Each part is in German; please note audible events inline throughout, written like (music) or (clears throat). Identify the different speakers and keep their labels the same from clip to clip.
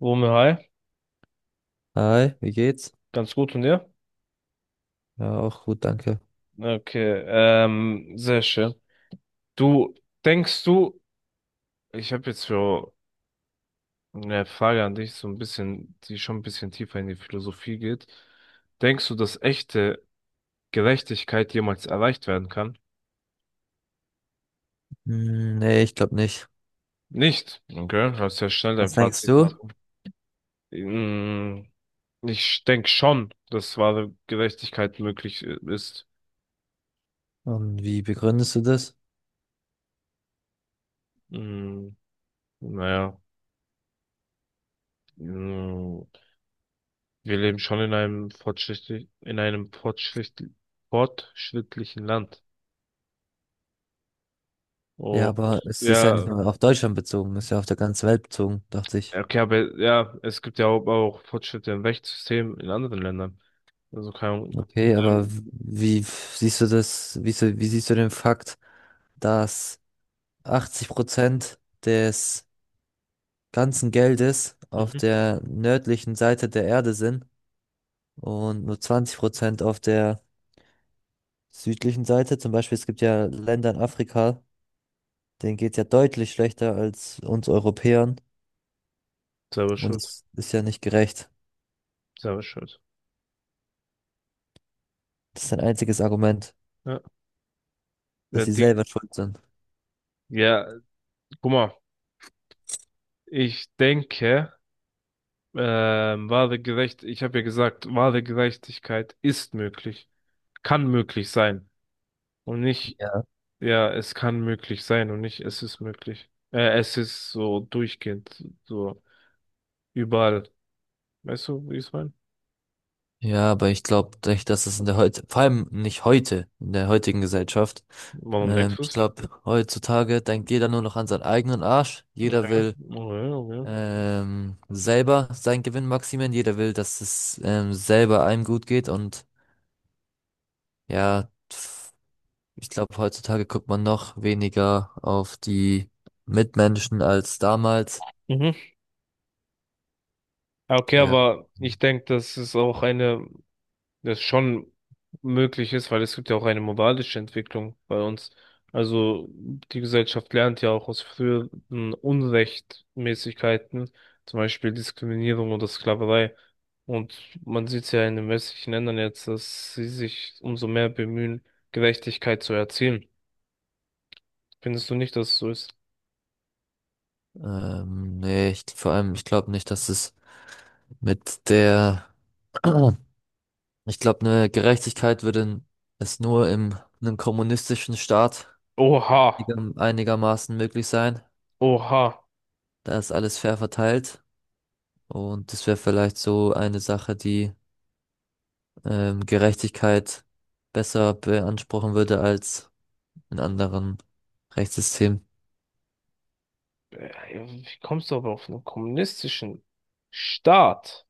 Speaker 1: Wurme, hi.
Speaker 2: Hi, wie geht's?
Speaker 1: Ganz gut und dir?
Speaker 2: Ja, auch gut, danke.
Speaker 1: Okay, sehr schön. Du, denkst du, ich habe jetzt für eine Frage an dich, so ein bisschen, die schon ein bisschen tiefer in die Philosophie geht. Denkst du, dass echte Gerechtigkeit jemals erreicht werden kann?
Speaker 2: Hm, nee, ich glaube nicht.
Speaker 1: Nicht. Okay, hast ja schnell dein
Speaker 2: Was denkst
Speaker 1: Fazit
Speaker 2: du?
Speaker 1: gezogen. Mm, ich denke schon, dass wahre Gerechtigkeit möglich ist.
Speaker 2: Und wie begründest du das?
Speaker 1: Mm, naja. Mm, wir leben schon in einem fortschrittlich, in einem fortschritt, fortschrittlichen Land.
Speaker 2: Ja,
Speaker 1: Und
Speaker 2: aber es ist ja nicht
Speaker 1: ja,
Speaker 2: nur auf Deutschland bezogen, es ist ja auf der ganzen Welt bezogen, dachte ich.
Speaker 1: okay, aber ja, es gibt ja auch Fortschritte im Rechtssystem in anderen Ländern. Also keine Ahnung.
Speaker 2: Okay, aber
Speaker 1: Ähm,
Speaker 2: wie siehst du das, wie, so, wie siehst du den Fakt, dass 80% des ganzen Geldes auf
Speaker 1: mhm.
Speaker 2: der nördlichen Seite der Erde sind und nur 20% auf der südlichen Seite? Zum Beispiel, es gibt ja Länder in Afrika, denen geht's ja deutlich schlechter als uns Europäern.
Speaker 1: Selber
Speaker 2: Und
Speaker 1: schuld.
Speaker 2: es ist ja nicht gerecht.
Speaker 1: Selber schuld.
Speaker 2: Das ist ein einziges Argument,
Speaker 1: Ja,
Speaker 2: dass
Speaker 1: ja,
Speaker 2: sie
Speaker 1: die,
Speaker 2: selber schuld sind.
Speaker 1: ja, guck mal, ich denke, ich habe ja gesagt, wahre Gerechtigkeit ist möglich, kann möglich sein. Und nicht.
Speaker 2: Ja.
Speaker 1: Ja, es kann möglich sein und nicht, es ist möglich. Es ist so durchgehend, so überall. Weißt du, wie ich es meine?
Speaker 2: Ja, aber ich glaube nicht, dass es in der heute, vor allem nicht heute, in der heutigen Gesellschaft.
Speaker 1: Warum denkst du
Speaker 2: Ich
Speaker 1: es?
Speaker 2: glaube, heutzutage denkt jeder nur noch an seinen eigenen Arsch. Jeder
Speaker 1: Okay,
Speaker 2: will
Speaker 1: okay, okay.
Speaker 2: selber seinen Gewinn maximieren. Jeder will, dass es selber einem gut geht. Und ja, ich glaube, heutzutage guckt man noch weniger auf die Mitmenschen als damals.
Speaker 1: Mhm. Okay,
Speaker 2: Ja.
Speaker 1: aber ich denke, das ist auch eine. Das schon möglich ist, weil es gibt ja auch eine moralische Entwicklung bei uns. Also die Gesellschaft lernt ja auch aus früheren Unrechtmäßigkeiten, zum Beispiel Diskriminierung oder Sklaverei. Und man sieht es ja in den westlichen Ländern jetzt, dass sie sich umso mehr bemühen, Gerechtigkeit zu erzielen. Findest du nicht, dass es so ist?
Speaker 2: Nee, ich, vor allem, ich glaube nicht, dass es mit der, (clears throat) ich glaube, eine Gerechtigkeit würde es nur im, einem kommunistischen Staat
Speaker 1: Oha,
Speaker 2: einigermaßen möglich sein.
Speaker 1: oha.
Speaker 2: Da ist alles fair verteilt und das wäre vielleicht so eine Sache, die Gerechtigkeit besser beanspruchen würde als in anderen Rechtssystemen.
Speaker 1: Äh, Wie kommst du aber auf einen kommunistischen Staat?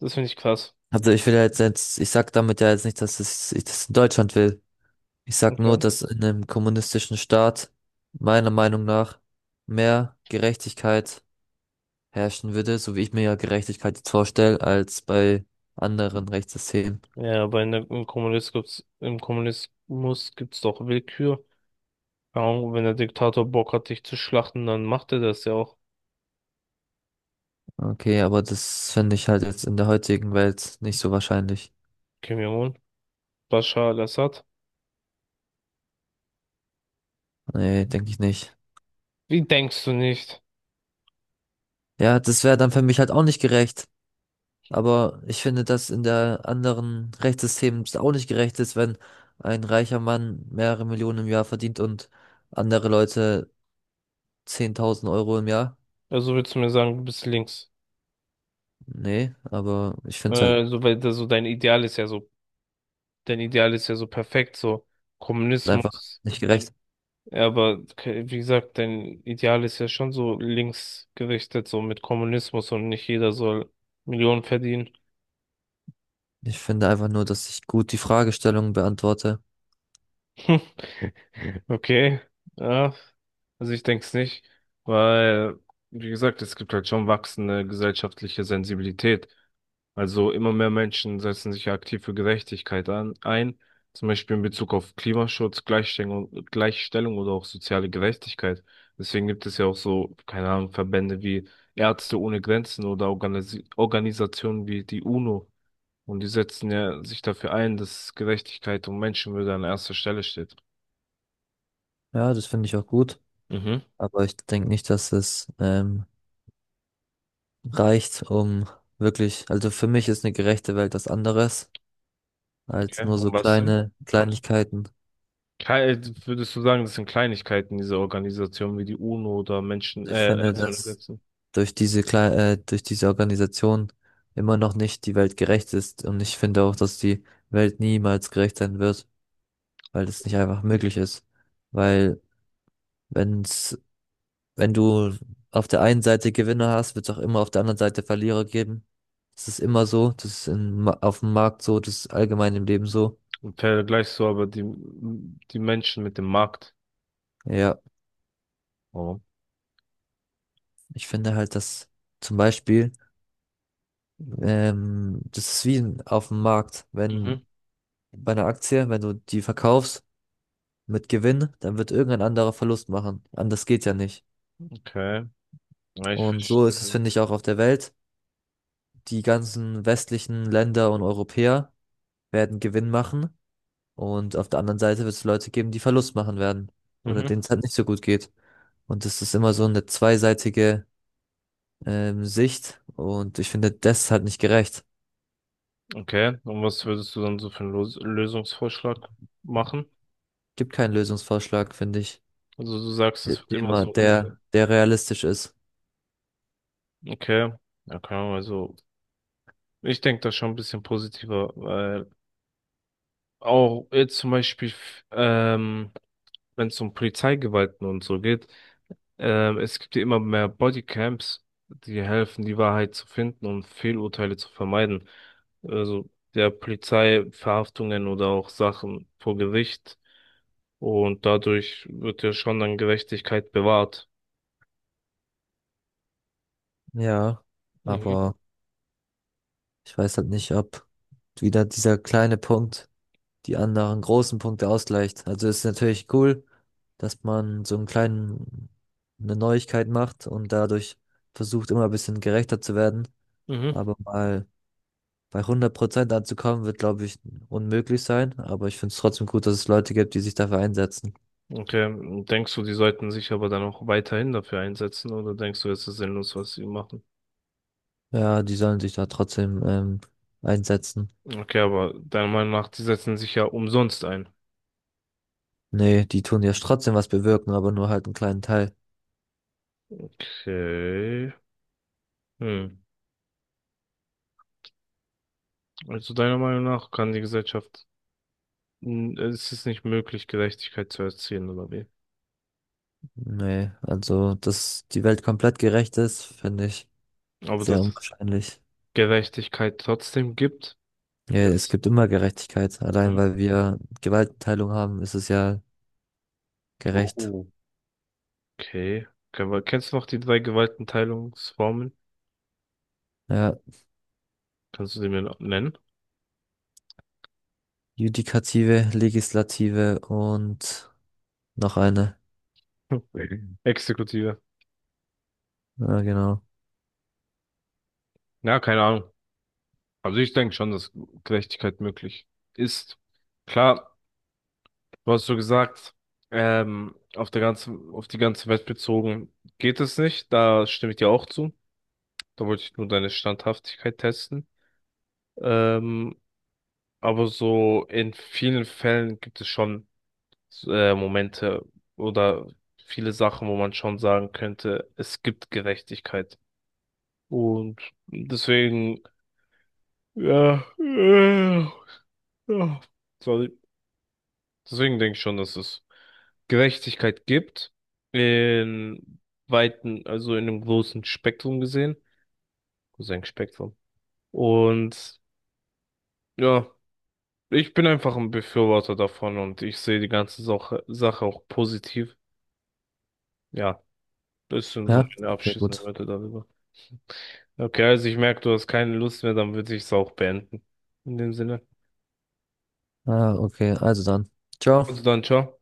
Speaker 1: Das finde ich krass.
Speaker 2: Also ich will ja jetzt, ich sag damit ja jetzt nicht, dass es, ich das in Deutschland will. Ich sag nur,
Speaker 1: Okay.
Speaker 2: dass in einem kommunistischen Staat meiner Meinung nach mehr Gerechtigkeit herrschen würde, so wie ich mir ja Gerechtigkeit jetzt vorstelle, als bei anderen Rechtssystemen.
Speaker 1: Ja, aber in der, im Kommunismus gibt's doch Willkür. Keine Ahnung, wenn der Diktator Bock hat, dich zu schlachten, dann macht er das ja auch.
Speaker 2: Okay, aber das finde ich halt jetzt in der heutigen Welt nicht so wahrscheinlich.
Speaker 1: Kim Jong-un, Bashar al-Assad.
Speaker 2: Nee, denke ich nicht.
Speaker 1: Wie denkst du nicht?
Speaker 2: Ja, das wäre dann für mich halt auch nicht gerecht. Aber ich finde, dass in der anderen Rechtssystem es auch nicht gerecht ist, wenn ein reicher Mann mehrere Millionen im Jahr verdient und andere Leute 10.000 € im Jahr.
Speaker 1: Also willst du mir sagen, du bist links?
Speaker 2: Nee, aber ich finde es halt
Speaker 1: So, weil das so dein Ideal ist ja so, dein Ideal ist ja so perfekt, so
Speaker 2: einfach
Speaker 1: Kommunismus.
Speaker 2: nicht gerecht.
Speaker 1: Ja, aber ke- wie gesagt, dein Ideal ist ja schon so links gerichtet, so mit Kommunismus und nicht jeder soll Millionen verdienen.
Speaker 2: Ich finde einfach nur, dass ich gut die Fragestellung beantworte.
Speaker 1: (laughs) Okay, ja, also ich denke es nicht, weil, wie gesagt, es gibt halt schon wachsende gesellschaftliche Sensibilität. Also immer mehr Menschen setzen sich ja aktiv für Gerechtigkeit an, ein, zum Beispiel in Bezug auf Klimaschutz, Gleichstellung oder auch soziale Gerechtigkeit. Deswegen gibt es ja auch so, keine Ahnung, Verbände wie Ärzte ohne Grenzen oder Organisi Organisationen wie die UNO. Und die setzen ja sich dafür ein, dass Gerechtigkeit und Menschenwürde an erster Stelle steht.
Speaker 2: Ja, das finde ich auch gut.
Speaker 1: Mhm.
Speaker 2: Aber ich denke nicht, dass es reicht, um wirklich, also für mich ist eine gerechte Welt was anderes als
Speaker 1: Ja,
Speaker 2: nur so
Speaker 1: um was denn?
Speaker 2: kleine
Speaker 1: Kannst,
Speaker 2: Kleinigkeiten.
Speaker 1: Klei- würdest du sagen, das sind Kleinigkeiten dieser Organisation wie die UNO oder Menschen,
Speaker 2: Also ich finde,
Speaker 1: Ärzte ohne
Speaker 2: dass
Speaker 1: Grenzen?
Speaker 2: durch diese Kle durch diese Organisation immer noch nicht die Welt gerecht ist. Und ich finde auch, dass die Welt niemals gerecht sein wird, weil es nicht einfach möglich ist. Weil wenn's, wenn du auf der einen Seite Gewinner hast, wird es auch immer auf der anderen Seite Verlierer geben. Das ist immer so, das ist auf dem Markt so, das ist allgemein im Leben so.
Speaker 1: Und vergleichst du aber die Menschen mit dem Markt?
Speaker 2: Ja,
Speaker 1: Oh.
Speaker 2: ich finde halt, dass zum Beispiel, das ist wie auf dem Markt, wenn
Speaker 1: Mhm,
Speaker 2: bei einer Aktie, wenn du die verkaufst, mit Gewinn, dann wird irgendein anderer Verlust machen. Anders geht ja nicht.
Speaker 1: okay. Ja, ich
Speaker 2: Und so ist es,
Speaker 1: verstehe.
Speaker 2: finde ich, auch auf der Welt. Die ganzen westlichen Länder und Europäer werden Gewinn machen und auf der anderen Seite wird es Leute geben, die Verlust machen werden oder
Speaker 1: Mhm,
Speaker 2: denen es halt nicht so gut geht. Und das ist immer so eine zweiseitige Sicht und ich finde, das ist halt nicht gerecht.
Speaker 1: okay. Und was würdest du dann so für einen Los Lösungsvorschlag machen?
Speaker 2: Gibt keinen Lösungsvorschlag, finde ich,
Speaker 1: Also du sagst, es wird
Speaker 2: dem
Speaker 1: immer so
Speaker 2: der,
Speaker 1: umgehen.
Speaker 2: der realistisch ist.
Speaker 1: Okay. Ja, keine Ahnung, also ich denke da schon ein bisschen positiver, weil auch jetzt zum Beispiel, f- wenn es um Polizeigewalten und so geht, es gibt ja immer mehr Bodycams, die helfen, die Wahrheit zu finden und Fehlurteile zu vermeiden. Also der Polizei Verhaftungen oder auch Sachen vor Gericht. Und dadurch wird ja schon dann Gerechtigkeit bewahrt.
Speaker 2: Ja,
Speaker 1: Mhm.
Speaker 2: aber ich weiß halt nicht, ob wieder dieser kleine Punkt die anderen großen Punkte ausgleicht. Also ist natürlich cool, dass man so einen kleinen, eine Neuigkeit macht und dadurch versucht, immer ein bisschen gerechter zu werden.
Speaker 1: Mhm.
Speaker 2: Aber mal bei 100% anzukommen, wird, glaube ich, unmöglich sein. Aber ich finde es trotzdem gut, dass es Leute gibt, die sich dafür einsetzen.
Speaker 1: Okay. Denkst du, die sollten sich aber dann auch weiterhin dafür einsetzen oder denkst du, es ist sinnlos, was sie machen?
Speaker 2: Ja, die sollen sich da trotzdem einsetzen.
Speaker 1: Okay, aber deiner Meinung nach, die setzen sich ja umsonst ein.
Speaker 2: Nee, die tun ja trotzdem was bewirken, aber nur halt einen kleinen Teil.
Speaker 1: Okay. Hm. Also deiner Meinung nach kann die Gesellschaft, n- es ist nicht möglich, Gerechtigkeit zu erzielen, oder wie?
Speaker 2: Nee, also, dass die Welt komplett gerecht ist, finde ich
Speaker 1: Aber
Speaker 2: sehr
Speaker 1: dass es
Speaker 2: unwahrscheinlich.
Speaker 1: Gerechtigkeit trotzdem gibt,
Speaker 2: Ja, es
Speaker 1: jetzt.
Speaker 2: gibt immer Gerechtigkeit. Allein
Speaker 1: Hm?
Speaker 2: weil wir Gewaltenteilung haben, ist es ja gerecht.
Speaker 1: Oh, okay. Ke- aber kennst du noch die drei Gewaltenteilungsformen?
Speaker 2: Ja,
Speaker 1: Kannst du die mir noch nennen? (laughs)
Speaker 2: Judikative, Legislative und noch eine.
Speaker 1: Hm. Mhm. Exekutive.
Speaker 2: Ja, genau.
Speaker 1: Ja, keine Ahnung. Also ich denke schon, dass Gerechtigkeit möglich ist. Klar, du hast so gesagt, auf die ganze Welt bezogen geht es nicht. Da stimme ich dir auch zu. Da wollte ich nur deine Standhaftigkeit testen. Ähm, aber so in vielen Fällen gibt es schon Momente oder viele Sachen, wo man schon sagen könnte, es gibt Gerechtigkeit. Und deswegen, ja, ja, sorry. Deswegen denke ich schon, dass es Gerechtigkeit gibt. In weiten, also in einem großen Spektrum gesehen. Großes Spektrum. Und ja. Ich bin einfach ein Befürworter davon und ich sehe die ganze Sache, auch positiv. Ja, das sind so
Speaker 2: Ja,
Speaker 1: meine
Speaker 2: okay,
Speaker 1: abschließenden
Speaker 2: gut.
Speaker 1: Wörter darüber. Okay, also ich merke, du hast keine Lust mehr, dann würde ich es auch beenden. In dem Sinne.
Speaker 2: Ah, okay, also dann.
Speaker 1: Also
Speaker 2: Ciao.
Speaker 1: dann, ciao.